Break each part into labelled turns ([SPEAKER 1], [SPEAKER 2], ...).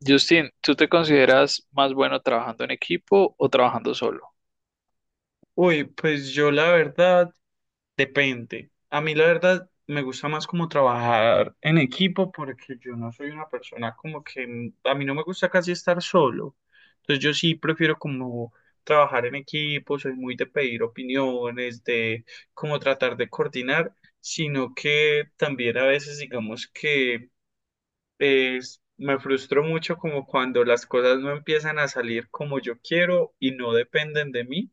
[SPEAKER 1] Justin, ¿tú te consideras más bueno trabajando en equipo o trabajando solo?
[SPEAKER 2] Uy, pues yo la verdad, depende. A mí la verdad me gusta más como trabajar en equipo porque yo no soy una persona como que a mí no me gusta casi estar solo. Entonces yo sí prefiero como trabajar en equipo, soy muy de pedir opiniones, de como tratar de coordinar, sino que también a veces digamos que me frustro mucho como cuando las cosas no empiezan a salir como yo quiero y no dependen de mí,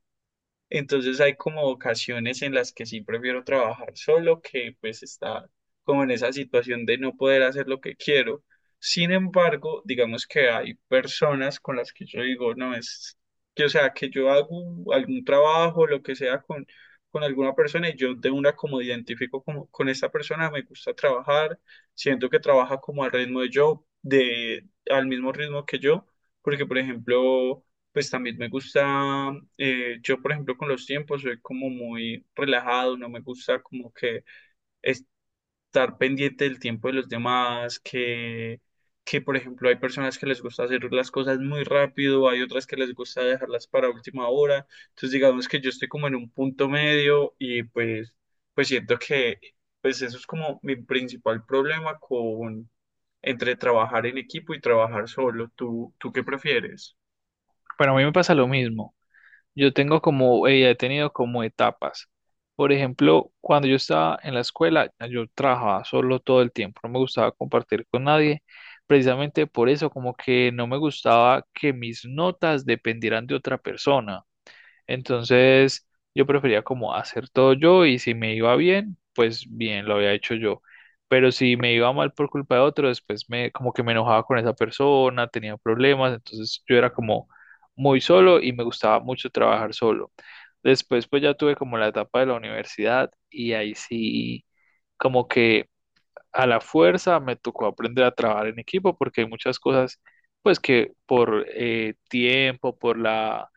[SPEAKER 2] entonces hay como ocasiones en las que sí prefiero trabajar solo que pues está como en esa situación de no poder hacer lo que quiero. Sin embargo, digamos que hay personas con las que yo digo, no es que, o sea, que yo hago algún trabajo, lo que sea con alguna persona y yo de una como identifico como con esta persona, me gusta trabajar, siento que trabaja como al ritmo de yo, al mismo ritmo que yo, porque por ejemplo pues también me gusta, yo por ejemplo con los tiempos soy como muy relajado, no me gusta como que estar pendiente del tiempo de los demás, que por ejemplo hay personas que les gusta hacer las cosas muy rápido, hay otras que les gusta dejarlas para última hora, entonces digamos que yo estoy como en un punto medio y pues siento que pues eso es como mi principal problema con entre trabajar en equipo y trabajar solo. ¿Tú qué prefieres?
[SPEAKER 1] Bueno, a mí me pasa lo mismo. Yo tengo como, he tenido como etapas. Por ejemplo, cuando yo estaba en la escuela, yo trabajaba solo todo el tiempo, no me gustaba compartir con nadie. Precisamente por eso, como que no me gustaba que mis notas dependieran de otra persona. Entonces, yo prefería como hacer todo yo y si me iba bien, pues bien, lo había hecho yo. Pero si me iba mal por culpa de otro, después me como que me enojaba con esa persona, tenía problemas, entonces yo era como muy solo y me gustaba mucho trabajar solo. Después pues ya tuve como la etapa de la universidad y ahí sí como que a la fuerza me tocó aprender a trabajar en equipo porque hay muchas cosas, pues que por tiempo, por la,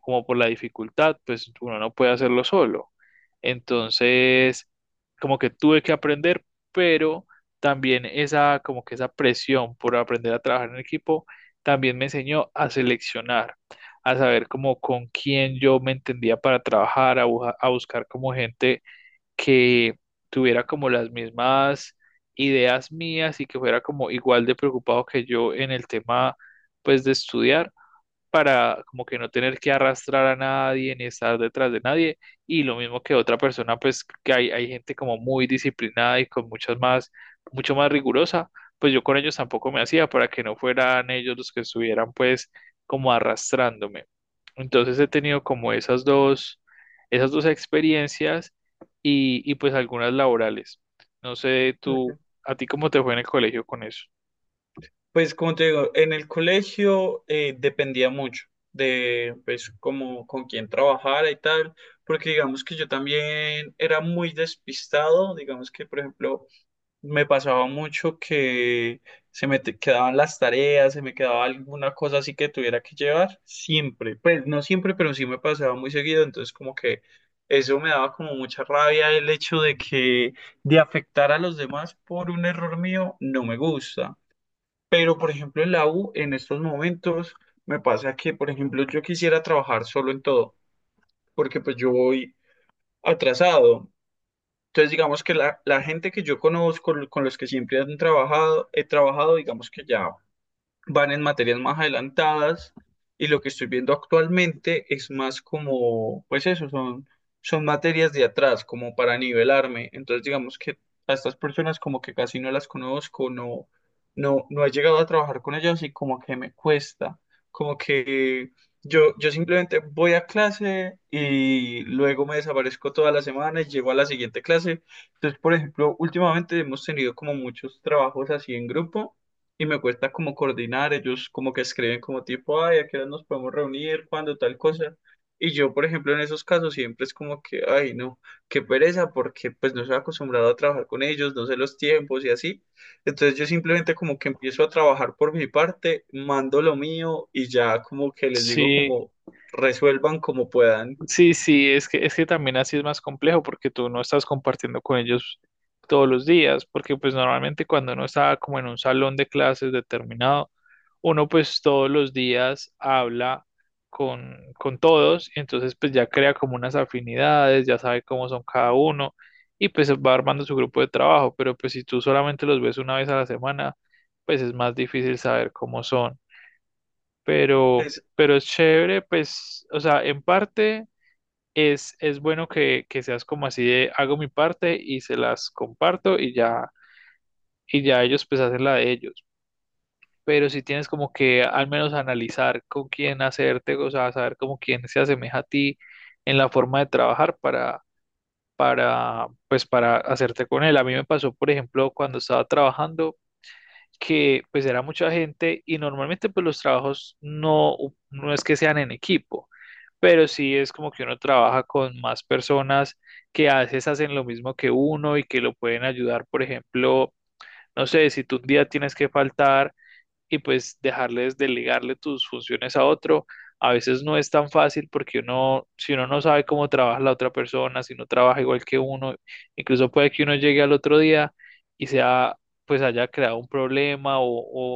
[SPEAKER 1] como por la dificultad, pues uno no puede hacerlo solo. Entonces, como que tuve que aprender, pero también esa, como que esa presión por aprender a trabajar en equipo, también me enseñó a seleccionar, a saber como con quién yo me entendía para trabajar, a, a buscar como gente que tuviera como las mismas ideas mías y que fuera como igual de preocupado que yo en el tema pues de estudiar para como que no tener que arrastrar a nadie ni estar detrás de nadie. Y lo mismo que otra persona, pues que hay gente como muy disciplinada y con muchas más, mucho más rigurosa, pues yo con ellos tampoco me hacía para que no fueran ellos los que estuvieran pues como arrastrándome. Entonces he tenido como esas dos experiencias y pues algunas laborales. No sé, tú, ¿a ti cómo te fue en el colegio con eso?
[SPEAKER 2] Pues como te digo, en el colegio dependía mucho de pues como con quién trabajara y tal, porque digamos que yo también era muy despistado, digamos que por ejemplo me pasaba mucho que se me quedaban las tareas, se me quedaba alguna cosa así que tuviera que llevar, siempre, pues no siempre, pero sí me pasaba muy seguido, entonces como que eso me daba como mucha rabia el hecho de que de afectar a los demás por un error mío no me gusta. Pero, por ejemplo, en la U, en estos momentos, me pasa que, por ejemplo, yo quisiera trabajar solo en todo, porque pues yo voy atrasado. Entonces, digamos que la gente que yo conozco, con los que siempre he trabajado, digamos que ya van en materias más adelantadas y lo que estoy viendo actualmente es más como, pues eso, son materias de atrás, como para nivelarme. Entonces, digamos que a estas personas como que casi no las conozco, no, no, no he llegado a trabajar con ellas y como que me cuesta, como que yo simplemente voy a clase y luego me desaparezco toda la semana y llego a la siguiente clase. Entonces, por ejemplo, últimamente hemos tenido como muchos trabajos así en grupo y me cuesta como coordinar, ellos como que escriben como tipo, ay, ¿a qué hora nos podemos reunir? ¿Cuándo? Tal cosa. Y yo, por ejemplo, en esos casos siempre es como que, ay, no, qué pereza, porque pues no estoy acostumbrado a trabajar con ellos, no sé los tiempos y así. Entonces yo simplemente como que empiezo a trabajar por mi parte, mando lo mío y ya como que les digo
[SPEAKER 1] Sí.
[SPEAKER 2] como resuelvan como puedan.
[SPEAKER 1] Sí, es que también así es más complejo porque tú no estás compartiendo con ellos todos los días, porque pues normalmente cuando uno está como en un salón de clases determinado, uno pues todos los días habla con todos, y entonces pues ya crea como unas afinidades, ya sabe cómo son cada uno y pues va armando su grupo de trabajo, pero pues si tú solamente los ves una vez a la semana, pues es más difícil saber cómo son,
[SPEAKER 2] Es,
[SPEAKER 1] pero es chévere, pues, o sea, en parte es bueno que seas como así de hago mi parte y se las comparto y ya ellos pues hacen la de ellos. Pero si tienes como que al menos analizar con quién hacerte, o sea, saber como quién se asemeja a ti en la forma de trabajar para, pues para hacerte con él. A mí me pasó, por ejemplo, cuando estaba trabajando que pues era mucha gente y normalmente pues los trabajos no, no es que sean en equipo, pero sí es como que uno trabaja con más personas que a veces hacen lo mismo que uno y que lo pueden ayudar, por ejemplo, no sé, si tú un día tienes que faltar y pues dejarles, delegarle tus funciones a otro. A veces no es tan fácil porque uno, si uno no sabe cómo trabaja la otra persona, si no trabaja igual que uno, incluso puede que uno llegue al otro día y sea, pues haya creado un problema o,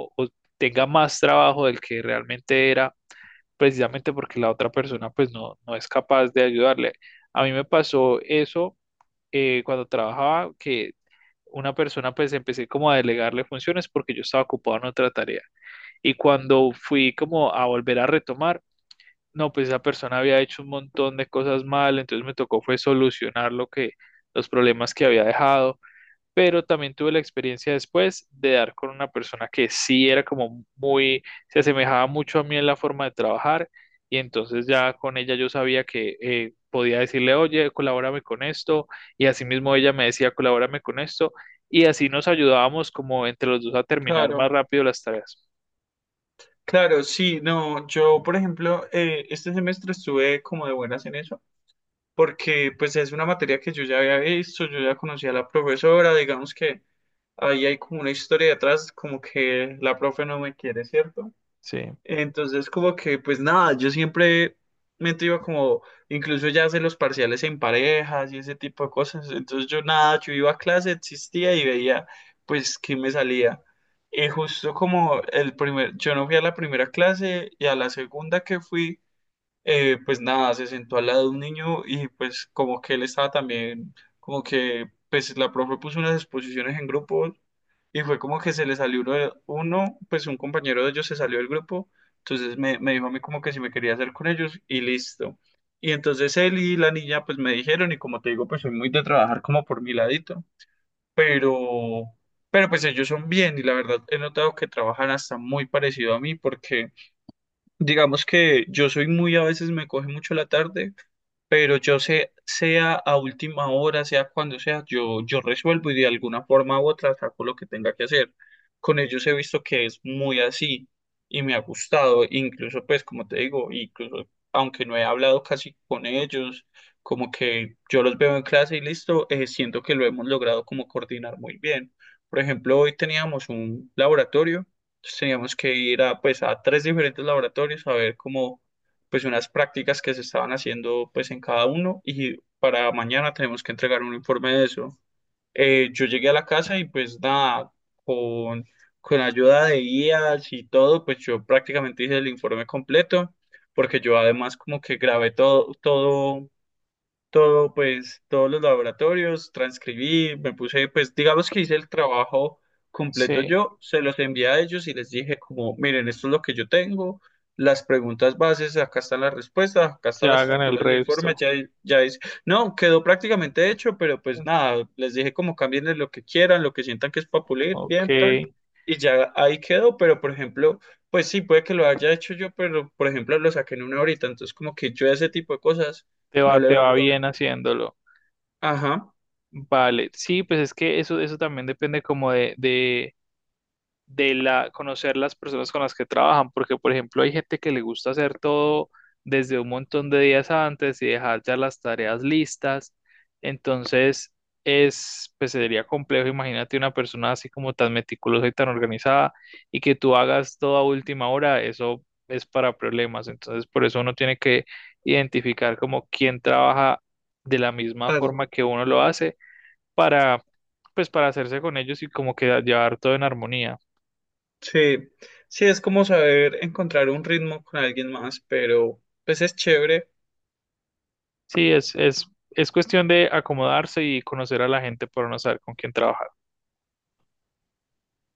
[SPEAKER 1] o, o tenga más trabajo del que realmente era, precisamente porque la otra persona pues no, no es capaz de ayudarle. A mí me pasó eso cuando trabajaba, que una persona pues empecé como a delegarle funciones porque yo estaba ocupado en otra tarea. Y cuando fui como a volver a retomar, no, pues esa persona había hecho un montón de cosas mal, entonces me tocó fue solucionar lo que, los problemas que había dejado, pero también tuve la experiencia después de dar con una persona que sí era como muy, se asemejaba mucho a mí en la forma de trabajar, y entonces ya con ella yo sabía que podía decirle, oye, colabórame con esto, y asimismo ella me decía, colabórame con esto, y así nos ayudábamos como entre los dos a terminar más
[SPEAKER 2] claro,
[SPEAKER 1] rápido las tareas.
[SPEAKER 2] claro, sí, no, yo, por ejemplo, este semestre estuve como de buenas en eso porque pues es una materia que yo ya había visto, yo ya conocía a la profesora, digamos que ahí hay como una historia detrás, como que la profe no me quiere, ¿cierto?
[SPEAKER 1] Sí.
[SPEAKER 2] Entonces como que pues nada, yo siempre me iba como, incluso ya hacer los parciales en parejas y ese tipo de cosas, entonces yo nada, yo iba a clase, existía y veía pues qué me salía. Y justo como yo no fui a la primera clase y a la segunda que fui, pues nada, se sentó al lado de un niño y pues como que él estaba también, como que pues la profe puso unas exposiciones en grupos y fue como que se le salió uno, uno, pues un compañero de ellos se salió del grupo, entonces me dijo a mí como que si me quería hacer con ellos y listo. Y entonces él y la niña pues me dijeron y como te digo pues soy muy de trabajar como por mi ladito, pero. Pero pues ellos son bien y la verdad he notado que trabajan hasta muy parecido a mí porque digamos que yo soy muy, a veces me coge mucho la tarde pero yo sé, sea a última hora, sea cuando sea, yo resuelvo y de alguna forma u otra saco lo que tenga que hacer. Con ellos he visto que es muy así y me ha gustado, incluso pues como te digo, incluso aunque no he hablado casi con ellos, como que yo los veo en clase y listo, siento que lo hemos logrado como coordinar muy bien. Por ejemplo, hoy teníamos un laboratorio, entonces teníamos que ir a pues a tres diferentes laboratorios a ver cómo pues unas prácticas que se estaban haciendo pues en cada uno y para mañana tenemos que entregar un informe de eso. Yo llegué a la casa y pues nada, con, con ayuda de guías y todo, pues yo prácticamente hice el informe completo porque yo además como que grabé todo, todo todo, pues, todos los laboratorios, transcribí, me puse, pues, digamos que hice el trabajo completo
[SPEAKER 1] Sí,
[SPEAKER 2] yo, se los envié a ellos y les dije como, miren, esto es lo que yo tengo, las preguntas bases, acá están las respuestas, acá está
[SPEAKER 1] ya
[SPEAKER 2] la
[SPEAKER 1] hagan el
[SPEAKER 2] estructura del informe,
[SPEAKER 1] resto.
[SPEAKER 2] ya, ya es, no, quedó prácticamente hecho, pero pues nada, les dije como cambien lo que quieran, lo que sientan que es para pulir,
[SPEAKER 1] Ok,
[SPEAKER 2] bien, tal,
[SPEAKER 1] te
[SPEAKER 2] y ya ahí quedó, pero por ejemplo. Pues sí, puede que lo haya hecho yo, pero por ejemplo lo saqué en una horita, entonces como que yo ese tipo de cosas no
[SPEAKER 1] va,
[SPEAKER 2] le
[SPEAKER 1] te
[SPEAKER 2] veo.
[SPEAKER 1] va bien haciéndolo.
[SPEAKER 2] Ajá,
[SPEAKER 1] Vale, sí, pues es que eso también depende como de la, conocer las personas con las que trabajan, porque por ejemplo hay gente que le gusta hacer todo desde un montón de días antes y dejar ya las tareas listas, entonces es, pues sería complejo, imagínate una persona así como tan meticulosa y tan organizada y que tú hagas todo a última hora, eso es para problemas, entonces por eso uno tiene que identificar como quién trabaja de la misma
[SPEAKER 2] par-
[SPEAKER 1] forma que uno lo hace para, pues para hacerse con ellos y como que llevar todo en armonía.
[SPEAKER 2] sí, sí es como saber encontrar un ritmo con alguien más, pero pues es chévere
[SPEAKER 1] Sí, es cuestión de acomodarse y conocer a la gente para no saber con quién trabajar.